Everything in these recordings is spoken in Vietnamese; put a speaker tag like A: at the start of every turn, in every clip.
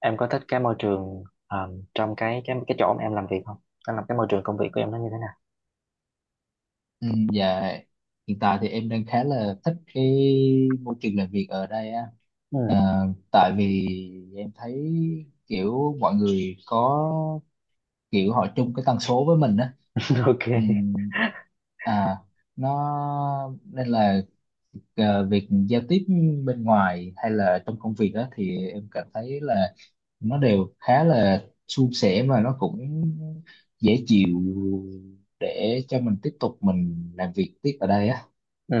A: Em có thích cái môi trường trong cái chỗ mà em làm việc không? Em làm cái môi trường công việc của em nó như thế nào?
B: Ừ, dạ, hiện tại thì em đang khá là thích cái môi trường làm việc ở đây á.
A: Ừ.
B: Ờ, Tại vì em thấy kiểu mọi người có kiểu họ chung cái tần số với mình á.
A: Ok.
B: Ừ, à nó Nên là việc giao tiếp bên ngoài hay là trong công việc á thì em cảm thấy là nó đều khá là suôn sẻ mà nó cũng dễ chịu để cho mình tiếp tục làm việc tiếp ở đây á.
A: Ừ.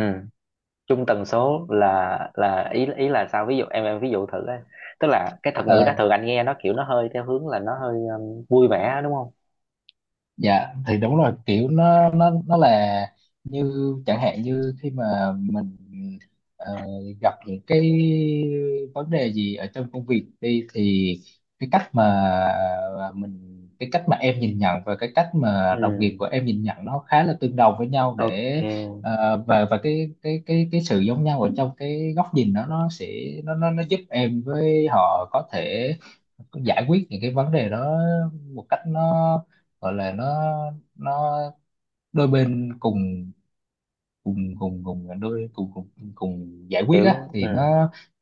A: Chung tần số là ý ý là sao? Ví dụ em ví dụ thử ấy. Tức là cái thuật ngữ
B: Ờ,
A: đó thường anh nghe nó kiểu nó hơi theo hướng là nó hơi vui vẻ đúng không?
B: dạ thì đúng rồi, kiểu nó là như chẳng hạn như khi mà mình ờ, gặp những cái vấn đề gì ở trong công việc đi thì cái cách mà mình cái cách mà em nhìn nhận và cái cách
A: Ừ.
B: mà đồng nghiệp của em nhìn nhận nó khá là tương đồng với nhau,
A: Ok.
B: và cái sự giống nhau ở trong cái góc nhìn đó nó sẽ, nó giúp em với họ có thể giải quyết những cái vấn đề đó một cách gọi là, nó đôi bên cùng, cùng cùng cùng à, đôi cùng cùng cùng giải quyết á,
A: Kiểu. Ừ.
B: thì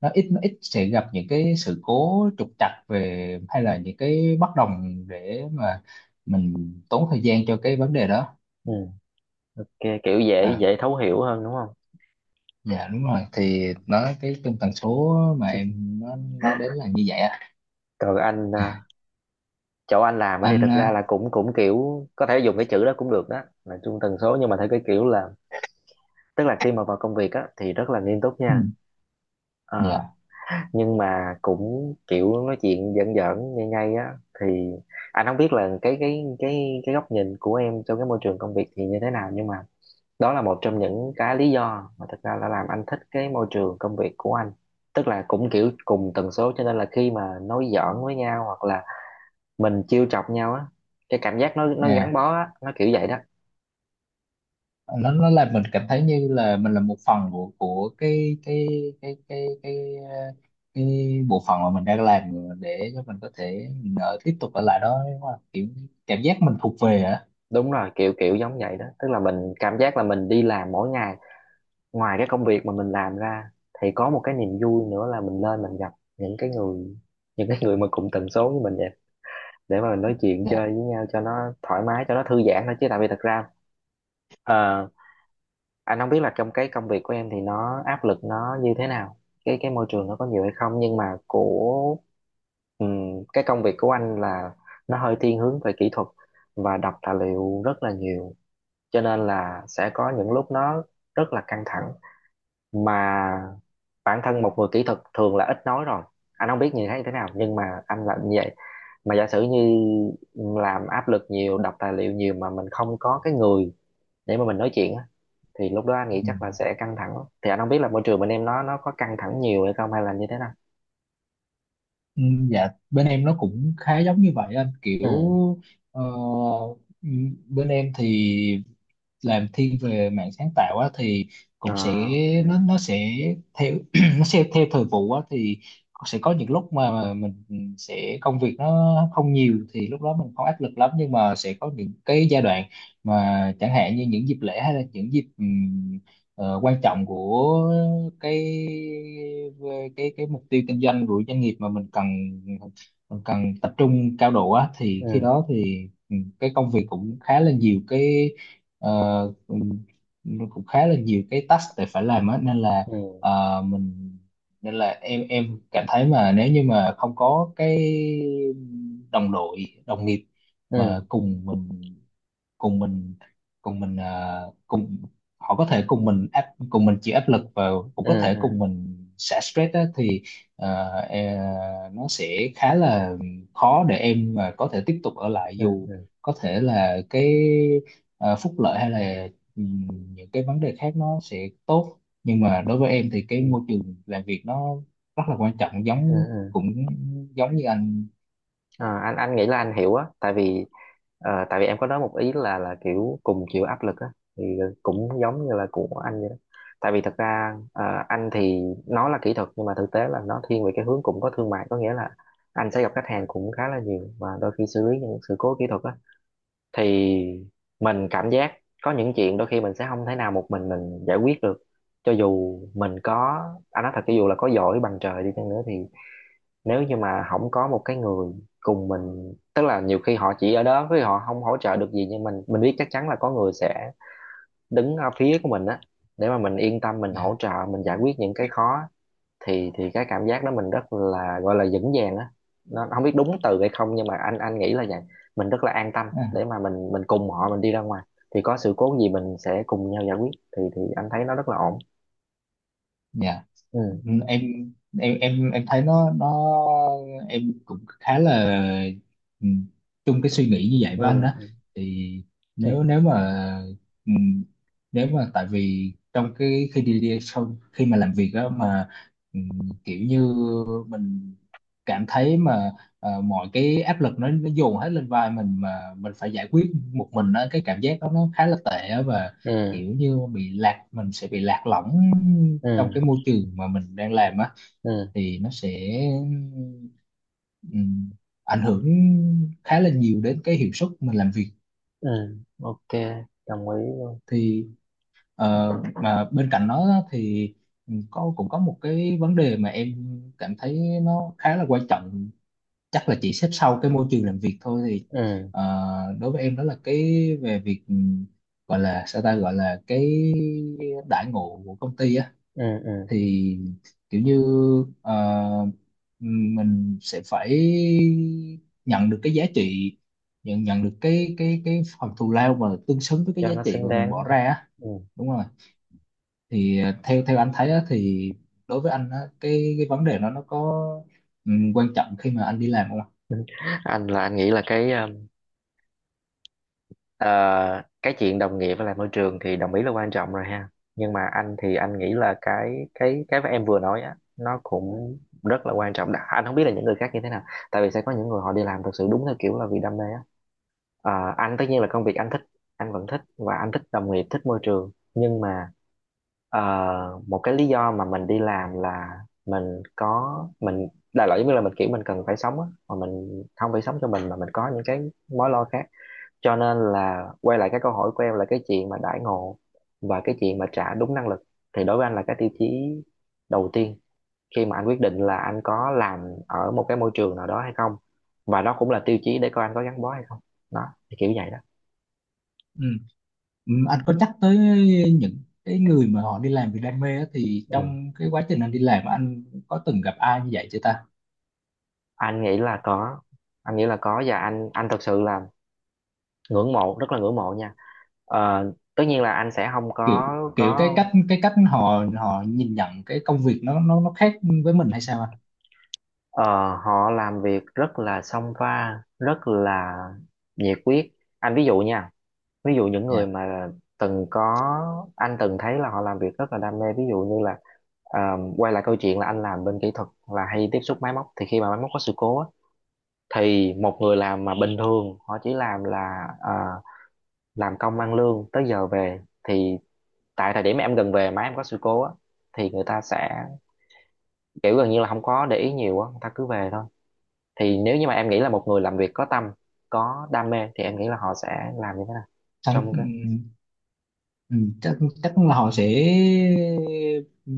B: nó ít, sẽ gặp những cái sự cố trục trặc hay là những cái bất đồng để mà mình tốn thời gian cho cái vấn đề đó.
A: Ừ. Ok. Kiểu dễ
B: à
A: dễ thấu hiểu hơn đúng không?
B: dạ đúng rồi, thì
A: Ừ.
B: cái tần số mà em nói đến là như vậy á.
A: Còn anh à, chỗ anh làm á thì
B: Anh
A: thật
B: à.
A: ra là cũng cũng kiểu có thể dùng cái chữ đó cũng được, đó là chung tần số, nhưng mà theo cái kiểu là tức là khi mà vào công việc á thì rất là nghiêm túc
B: Ừ,
A: nha. Ờ,
B: dạ.
A: nhưng mà cũng kiểu nói chuyện giỡn giỡn ngay ngay á thì anh không biết là cái góc nhìn của em trong cái môi trường công việc thì như thế nào, nhưng mà đó là một trong những cái lý do mà thật ra là làm anh thích cái môi trường công việc của anh, tức là cũng kiểu cùng tần số cho nên là khi mà nói giỡn với nhau hoặc là mình trêu chọc nhau á, cái cảm giác nó gắn
B: À,
A: bó á, nó kiểu vậy đó.
B: nó làm mình cảm thấy như là mình là một phần của cái cái cái ờ, cái bộ phận mà mình đang làm, để cho mình có thể tiếp tục ở lại đó, đúng không? Kiểu cảm giác mình thuộc về á.
A: Đúng rồi, kiểu kiểu giống vậy đó, tức là mình cảm giác là mình đi làm mỗi ngày, ngoài cái công việc mà mình làm ra thì có một cái niềm vui nữa là mình lên mình gặp những cái người, những cái người mà cùng tần số với mình vậy, để mà mình nói chuyện
B: Dạ.
A: chơi với nhau cho nó thoải mái cho nó thư giãn thôi, chứ tại vì thật ra ờ, anh không biết là trong cái công việc của em thì nó áp lực nó như thế nào, cái môi trường nó có nhiều hay không, nhưng mà của cái công việc của anh là nó hơi thiên hướng về kỹ thuật và đọc tài liệu rất là nhiều, cho nên là sẽ có những lúc nó rất là căng thẳng, mà bản thân một người kỹ thuật thường là ít nói rồi, anh không biết như thế nào nhưng mà anh là như vậy. Mà giả sử như làm áp lực nhiều đọc tài liệu nhiều mà mình không có cái người để mà mình nói chuyện á thì lúc đó anh nghĩ
B: Ừ.
A: chắc là sẽ căng thẳng lắm. Thì anh không biết là môi trường bên em nó có căng thẳng nhiều hay không hay là như thế nào?
B: Ừ, dạ, bên em nó cũng khá giống như vậy anh, kiểu
A: Ừ.
B: ờ, ừ, bên em thì làm thiên về mảng sáng tạo á thì
A: À.
B: cũng sẽ,
A: Ừ.
B: nó sẽ theo nó sẽ theo thời vụ á thì sẽ có những lúc mà mình sẽ công việc nó không nhiều, thì lúc đó mình không áp lực lắm. Nhưng mà sẽ có những cái giai đoạn mà chẳng hạn như những dịp lễ hay là những dịp quan trọng của cái cái mục tiêu kinh doanh của doanh nghiệp mà mình cần tập trung cao độ á, thì
A: Ừ.
B: khi đó thì cái công việc cũng khá là nhiều cái, ờ, cũng, nó cũng khá là nhiều cái task để phải làm á nên là
A: Ừ.
B: ờ, mình nên là em cảm thấy mà nếu như mà không có cái đồng đội đồng nghiệp mà
A: Ừ.
B: cùng mình cùng mình cùng mình à, cùng họ có thể cùng mình chịu áp lực và cũng
A: Ừ.
B: có
A: Ừ.
B: thể
A: Ừ.
B: cùng mình xả stress á, thì nó sẽ khá là khó để em mà có thể tiếp tục ở lại, dù
A: Ừ.
B: có thể là cái phúc lợi hay là ừm, những cái vấn đề khác nó sẽ tốt. Nhưng mà đối với em thì cái
A: Ừ.
B: môi trường làm việc nó rất là quan trọng,
A: Ừ. Ừ.
B: giống như anh
A: Ờ, anh nghĩ là anh hiểu á, tại vì tại vì em có nói một ý là kiểu cùng chịu áp lực á thì cũng giống như là của anh vậy đó, tại vì thật ra anh thì nó là kỹ thuật nhưng mà thực tế là nó thiên về cái hướng cũng có thương mại, có nghĩa là anh sẽ gặp khách hàng cũng khá là nhiều và đôi khi xử lý những sự cố kỹ thuật á thì mình cảm giác có những chuyện đôi khi mình sẽ không thể nào một mình giải quyết được, cho dù mình có anh nói thật cho dù là có giỏi bằng trời đi chăng nữa thì nếu như mà không có một cái người cùng mình, tức là nhiều khi họ chỉ ở đó với họ không hỗ trợ được gì nhưng mình biết chắc chắn là có người sẽ đứng ở phía của mình á, để mà mình yên tâm mình hỗ
B: nha.
A: trợ mình giải quyết những cái khó, thì cái cảm giác đó mình rất là gọi là vững vàng á, nó không biết đúng từ hay không nhưng mà anh nghĩ là vậy, mình rất là an tâm
B: À,
A: để mà mình cùng họ mình đi ra ngoài, thì có sự cố gì mình sẽ cùng nhau giải quyết, thì anh thấy nó rất là ổn.
B: dạ.
A: Ừ.
B: Ừ, em thấy nó, em cũng khá là ừ, chung cái suy nghĩ như vậy với anh đó.
A: Ừ.
B: Thì
A: Ừ.
B: nếu nếu mà ừ, nếu mà tại vì trong cái khi đi đi sau khi mà làm việc đó mà ừ, kiểu như mình cảm thấy mà mọi cái áp lực nó dồn hết lên vai mình, mà mình phải giải quyết một mình đó, cái cảm giác đó nó khá là tệ á, và
A: Ừ.
B: kiểu như bị lạc mình sẽ bị lạc lõng
A: Ừ.
B: trong cái môi trường mà mình đang làm á,
A: Ừ.
B: thì nó sẽ ừm, ảnh hưởng khá là nhiều đến cái hiệu suất mình làm việc.
A: Ừ. Ok. Đồng ý luôn.
B: Thì ờ, mà bên cạnh đó á, thì cũng có một cái vấn đề mà em cảm thấy nó khá là quan trọng, chắc là chỉ xếp sau cái môi trường làm việc thôi. Thì
A: Ừ.
B: ờ, đối với em đó là cái về việc gọi là sao ta, gọi là cái đãi ngộ của công ty á.
A: Ừ. Ừ.
B: Thì kiểu như ờ, mình sẽ phải nhận được cái giá trị nhận nhận được cái phần thù lao mà tương xứng với cái
A: Cho
B: giá
A: nó
B: trị
A: xứng
B: mà mình
A: đáng.
B: bỏ ra á.
A: Ừ.
B: Đúng rồi. Thì theo theo anh thấy á, thì đối với anh á, cái vấn đề đó nó có quan trọng khi mà anh đi làm không ạ?
A: Anh là anh nghĩ là cái ờ, cái chuyện đồng nghiệp với lại môi trường thì đồng ý là quan trọng rồi ha, nhưng mà anh thì anh nghĩ là cái mà em vừa nói á nó cũng rất là quan trọng. Anh không biết là những người khác như thế nào, tại vì sẽ có những người họ đi làm thực sự đúng theo kiểu là vì đam mê á. Ờ, anh tất nhiên là công việc anh thích, anh vẫn thích và anh thích đồng nghiệp thích môi trường, nhưng mà Ờ, một cái lý do mà mình đi làm là mình có mình đại loại giống như là mình kiểu mình cần phải sống á, mà mình không phải sống cho mình mà mình có những cái mối lo khác, cho nên là quay lại cái câu hỏi của em là cái chuyện mà đãi ngộ và cái chuyện mà trả đúng năng lực thì đối với anh là cái tiêu chí đầu tiên khi mà anh quyết định là anh có làm ở một cái môi trường nào đó hay không, và đó cũng là tiêu chí để coi anh có gắn bó hay không. Đó thì kiểu vậy đó.
B: Ừ. Anh có nhắc tới những cái người mà họ đi làm vì đam mê á, thì
A: Ừ.
B: trong cái quá trình anh đi làm á, anh có từng gặp ai như vậy chưa ta?
A: Anh nghĩ là có, anh nghĩ là có và anh thật sự là ngưỡng mộ, rất là ngưỡng mộ nha. Ờ, Tất nhiên là anh sẽ không
B: Kiểu,
A: có có
B: cái cách họ họ nhìn nhận cái công việc nó khác với mình hay sao anh?
A: ờ, họ làm việc rất là song pha, rất là nhiệt huyết. Anh ví dụ nha, ví dụ những người
B: Dạ.
A: mà từng có anh từng thấy là họ làm việc rất là đam mê, ví dụ như là ờ, quay lại câu chuyện là anh làm bên kỹ thuật là hay tiếp xúc máy móc thì khi mà máy móc có sự cố á, thì một người làm mà bình thường họ chỉ làm là làm công ăn lương tới giờ về thì tại thời điểm em gần về mà em có sự cố á thì người ta sẽ kiểu gần như là không có để ý nhiều á, người ta cứ về thôi, thì nếu như mà em nghĩ là một người làm việc có tâm có đam mê thì em nghĩ là họ sẽ làm như thế nào
B: Thằng-
A: trong
B: ừ,
A: cái.
B: ừ, Chắc, là họ sẽ ừ,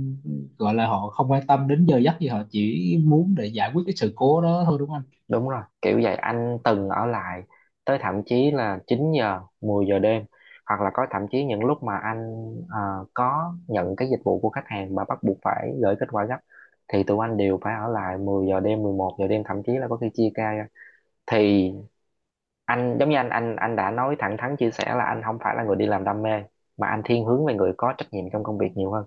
B: gọi là họ không quan tâm đến giờ giấc gì, họ chỉ muốn để giải quyết cái sự cố đó thôi, đúng không anh?
A: Đúng rồi kiểu vậy, anh từng ở lại tới thậm chí là 9 giờ 10 giờ đêm, hoặc là có thậm chí những lúc mà anh có nhận cái dịch vụ của khách hàng mà bắt buộc phải gửi kết quả gấp thì tụi anh đều phải ở lại 10 giờ đêm 11 giờ đêm, thậm chí là có khi chia ca ra. Thì anh giống như anh đã nói thẳng thắn chia sẻ là anh không phải là người đi làm đam mê mà anh thiên hướng về người có trách nhiệm trong công việc nhiều hơn,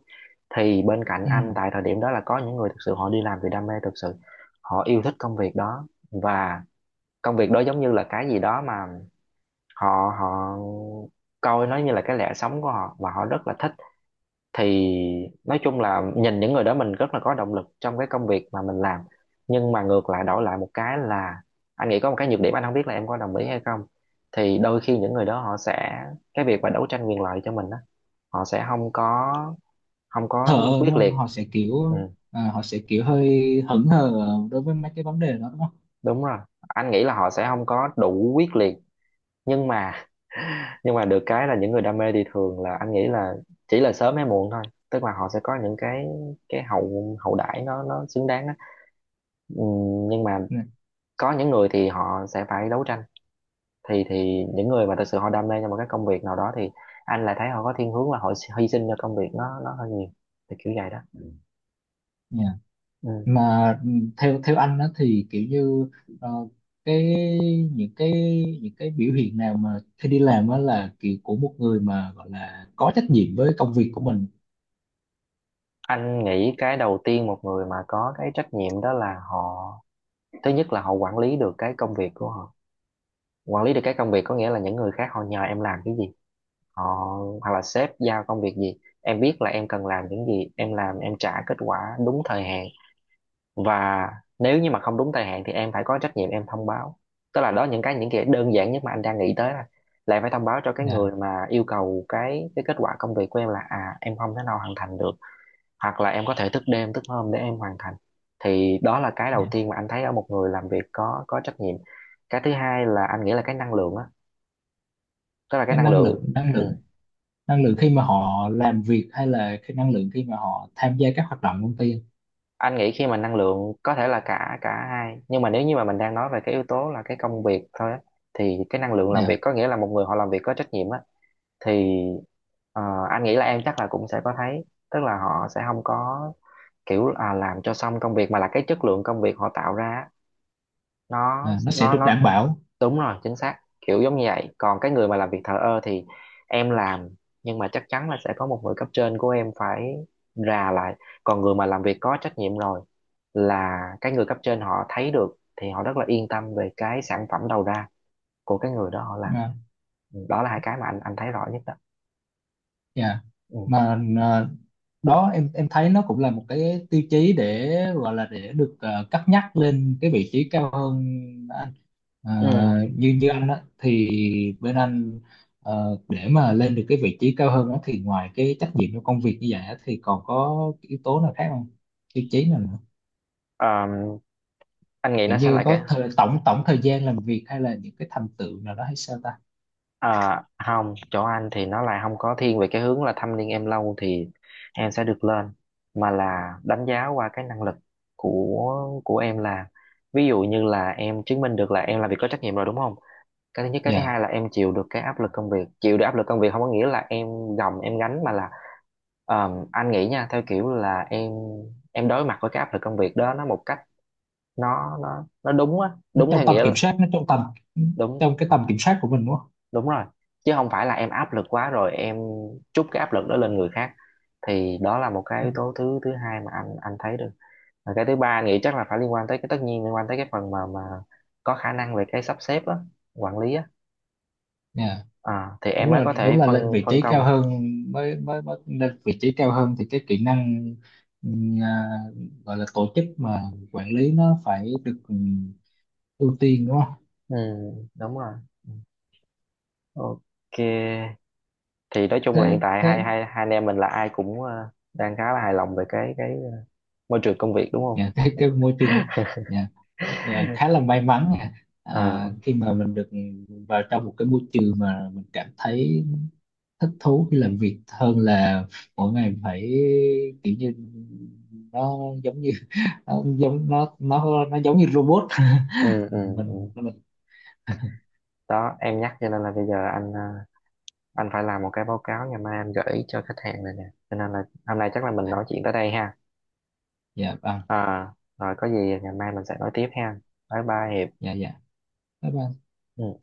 A: thì bên cạnh
B: Ừ.
A: anh tại thời điểm đó là có những người thực sự họ đi làm vì đam mê thực sự, họ yêu thích công việc đó, và công việc đó giống như là cái gì đó mà họ họ coi nó như là cái lẽ sống của họ và họ rất là thích, thì nói chung là nhìn những người đó mình rất là có động lực trong cái công việc mà mình làm, nhưng mà ngược lại đổi lại một cái là anh nghĩ có một cái nhược điểm, anh không biết là em có đồng ý hay không, thì đôi khi những người đó họ sẽ cái việc mà đấu tranh quyền lợi cho mình á, họ sẽ không có
B: Thờ ơ đúng
A: quyết
B: không,
A: liệt.
B: họ sẽ
A: Ừ,
B: kiểu, họ sẽ kiểu hơi hững hờ đối với mấy cái vấn đề đó, đúng không?
A: đúng rồi, anh nghĩ là họ sẽ không có đủ quyết liệt, nhưng mà nhưng mà được cái là những người đam mê thì thường là anh nghĩ là chỉ là sớm hay muộn thôi, tức là họ sẽ có những cái hậu hậu đãi nó xứng đáng á. Ừ, nhưng mà có những người thì họ sẽ phải đấu tranh, thì những người mà thật sự họ đam mê cho một cái công việc nào đó thì anh lại thấy họ có thiên hướng là họ hy sinh cho công việc nó hơi nhiều, thì kiểu vậy đó. Ừ.
B: Dạ.
A: Ừ.
B: Mà theo theo anh đó thì kiểu như ờ, cái những cái những cái biểu hiện nào mà khi đi làm đó là kiểu của một người mà gọi là có trách nhiệm với công việc của mình?
A: Anh nghĩ cái đầu tiên một người mà có cái trách nhiệm đó là họ, thứ nhất là họ quản lý được cái công việc của họ. Quản lý được cái công việc có nghĩa là những người khác họ nhờ em làm cái gì, họ hoặc là sếp giao công việc gì, em biết là em cần làm những gì, em làm em trả kết quả đúng thời hạn. Và nếu như mà không đúng thời hạn thì em phải có trách nhiệm em thông báo. Tức là đó, những cái đơn giản nhất mà anh đang nghĩ tới là em phải thông báo cho cái
B: Dạ.
A: người mà yêu cầu cái kết quả công việc của em là à em không thể nào hoàn thành được, hoặc là em có thể thức đêm thức hôm để em hoàn thành. Thì đó là cái đầu
B: Dạ.
A: tiên mà anh thấy ở một người làm việc có trách nhiệm. Cái thứ hai là anh nghĩ là cái năng lượng á, tức là cái
B: Cái
A: năng
B: năng
A: lượng.
B: lượng,
A: Ừ,
B: năng lượng khi mà họ làm việc hay là cái năng lượng khi mà họ tham gia các hoạt động công ty?
A: anh nghĩ khi mà năng lượng có thể là cả cả hai, nhưng mà nếu như mà mình đang nói về cái yếu tố là cái công việc thôi á, thì cái năng lượng làm việc
B: Dạ.
A: có nghĩa là một người họ làm việc có trách nhiệm á. Thì ờ, anh nghĩ là em chắc là cũng sẽ có thấy, tức là họ sẽ không có kiểu à, làm cho xong công việc, mà là cái chất lượng công việc họ tạo ra á, nó
B: Nó sẽ
A: nó
B: được
A: nó
B: đảm bảo.
A: đúng rồi, chính xác, kiểu giống như vậy. Còn cái người mà làm việc thờ ơ thì em làm nhưng mà chắc chắn là sẽ có một người cấp trên của em phải rà lại. Còn người mà làm việc có trách nhiệm rồi là cái người cấp trên họ thấy được thì họ rất là yên tâm về cái sản phẩm đầu ra của cái người đó họ làm.
B: Dạ.
A: Ừ, đó là hai cái mà anh thấy rõ nhất đó.
B: Dạ.
A: Ừ.
B: Mà đó, em thấy nó cũng là một cái tiêu chí để gọi là để được cất nhắc lên cái vị trí cao hơn. Ờ,
A: Ừ.
B: như như anh á thì bên anh để mà lên được cái vị trí cao hơn á thì ngoài cái trách nhiệm trong công việc như vậy á thì còn có cái yếu tố nào khác không, tiêu chí nào nữa?
A: Ờm, anh nghĩ nó
B: Kiểu
A: sẽ
B: như
A: lại cái,
B: có tổng tổng thời gian làm việc hay là những cái thành tựu nào đó hay sao ta?
A: à, không, chỗ anh thì nó là không có thiên về cái hướng là thăm niên em lâu thì em sẽ được lên, mà là đánh giá qua cái năng lực của em. Là ví dụ như là em chứng minh được là em làm việc có trách nhiệm rồi đúng không, cái thứ nhất. Cái thứ
B: Dạ.
A: hai là em chịu được cái áp lực công việc. Chịu được áp lực công việc không có nghĩa là em gồng em gánh, mà là anh nghĩ nha, theo kiểu là em đối mặt với cái áp lực công việc đó nó một cách, nó đúng á,
B: Nó
A: đúng
B: trong
A: theo
B: tầm
A: nghĩa
B: kiểm
A: là
B: soát, nó trong tầm
A: đúng.
B: trong cái
A: Ờ,
B: tầm kiểm soát của mình đúng không?
A: đúng rồi, chứ không phải là em áp lực quá rồi em trút cái áp lực đó lên người khác. Thì đó là một cái yếu
B: Dạ.
A: tố thứ thứ hai mà anh thấy được. Và cái thứ ba anh nghĩ chắc là phải liên quan tới cái, tất nhiên liên quan tới cái phần mà có khả năng về cái sắp xếp á, quản lý á.
B: Dạ.
A: À, thì em
B: đúng
A: mới
B: là
A: có
B: đúng
A: thể
B: là lên
A: phân
B: vị
A: phân
B: trí cao
A: công.
B: hơn, mới mới, mới lên vị trí cao hơn thì cái kỹ năng ừm, à, gọi là tổ chức mà quản lý nó phải được ưu tiên, đúng không?
A: Ừ, đúng rồi. Ừ. Ok, thì nói chung là
B: Thế
A: hiện tại hai
B: thế
A: hai hai anh em mình là ai cũng đang khá là hài lòng về cái môi trường công việc đúng không.
B: cái môi trường nhà, khá là may mắn nha.
A: Ờ,
B: Khi mà mình được vào trong một cái môi trường mà mình cảm thấy thích thú khi làm việc hơn là mỗi ngày phải kiểu như nó giống như nó giống như robot.
A: ừ, ừ,
B: mình
A: ừ.
B: mình
A: Đó, em nhắc cho nên là bây giờ anh anh phải làm một cái báo cáo ngày mai anh gửi cho khách hàng này nè, cho nên là hôm nay chắc là mình nói chuyện tới đây ha.
B: Dạ vâng.
A: À, rồi có gì ngày mai mình sẽ nói tiếp ha. Bye bye Hiệp.
B: Dạ dạ. Bye bye.
A: Ừ.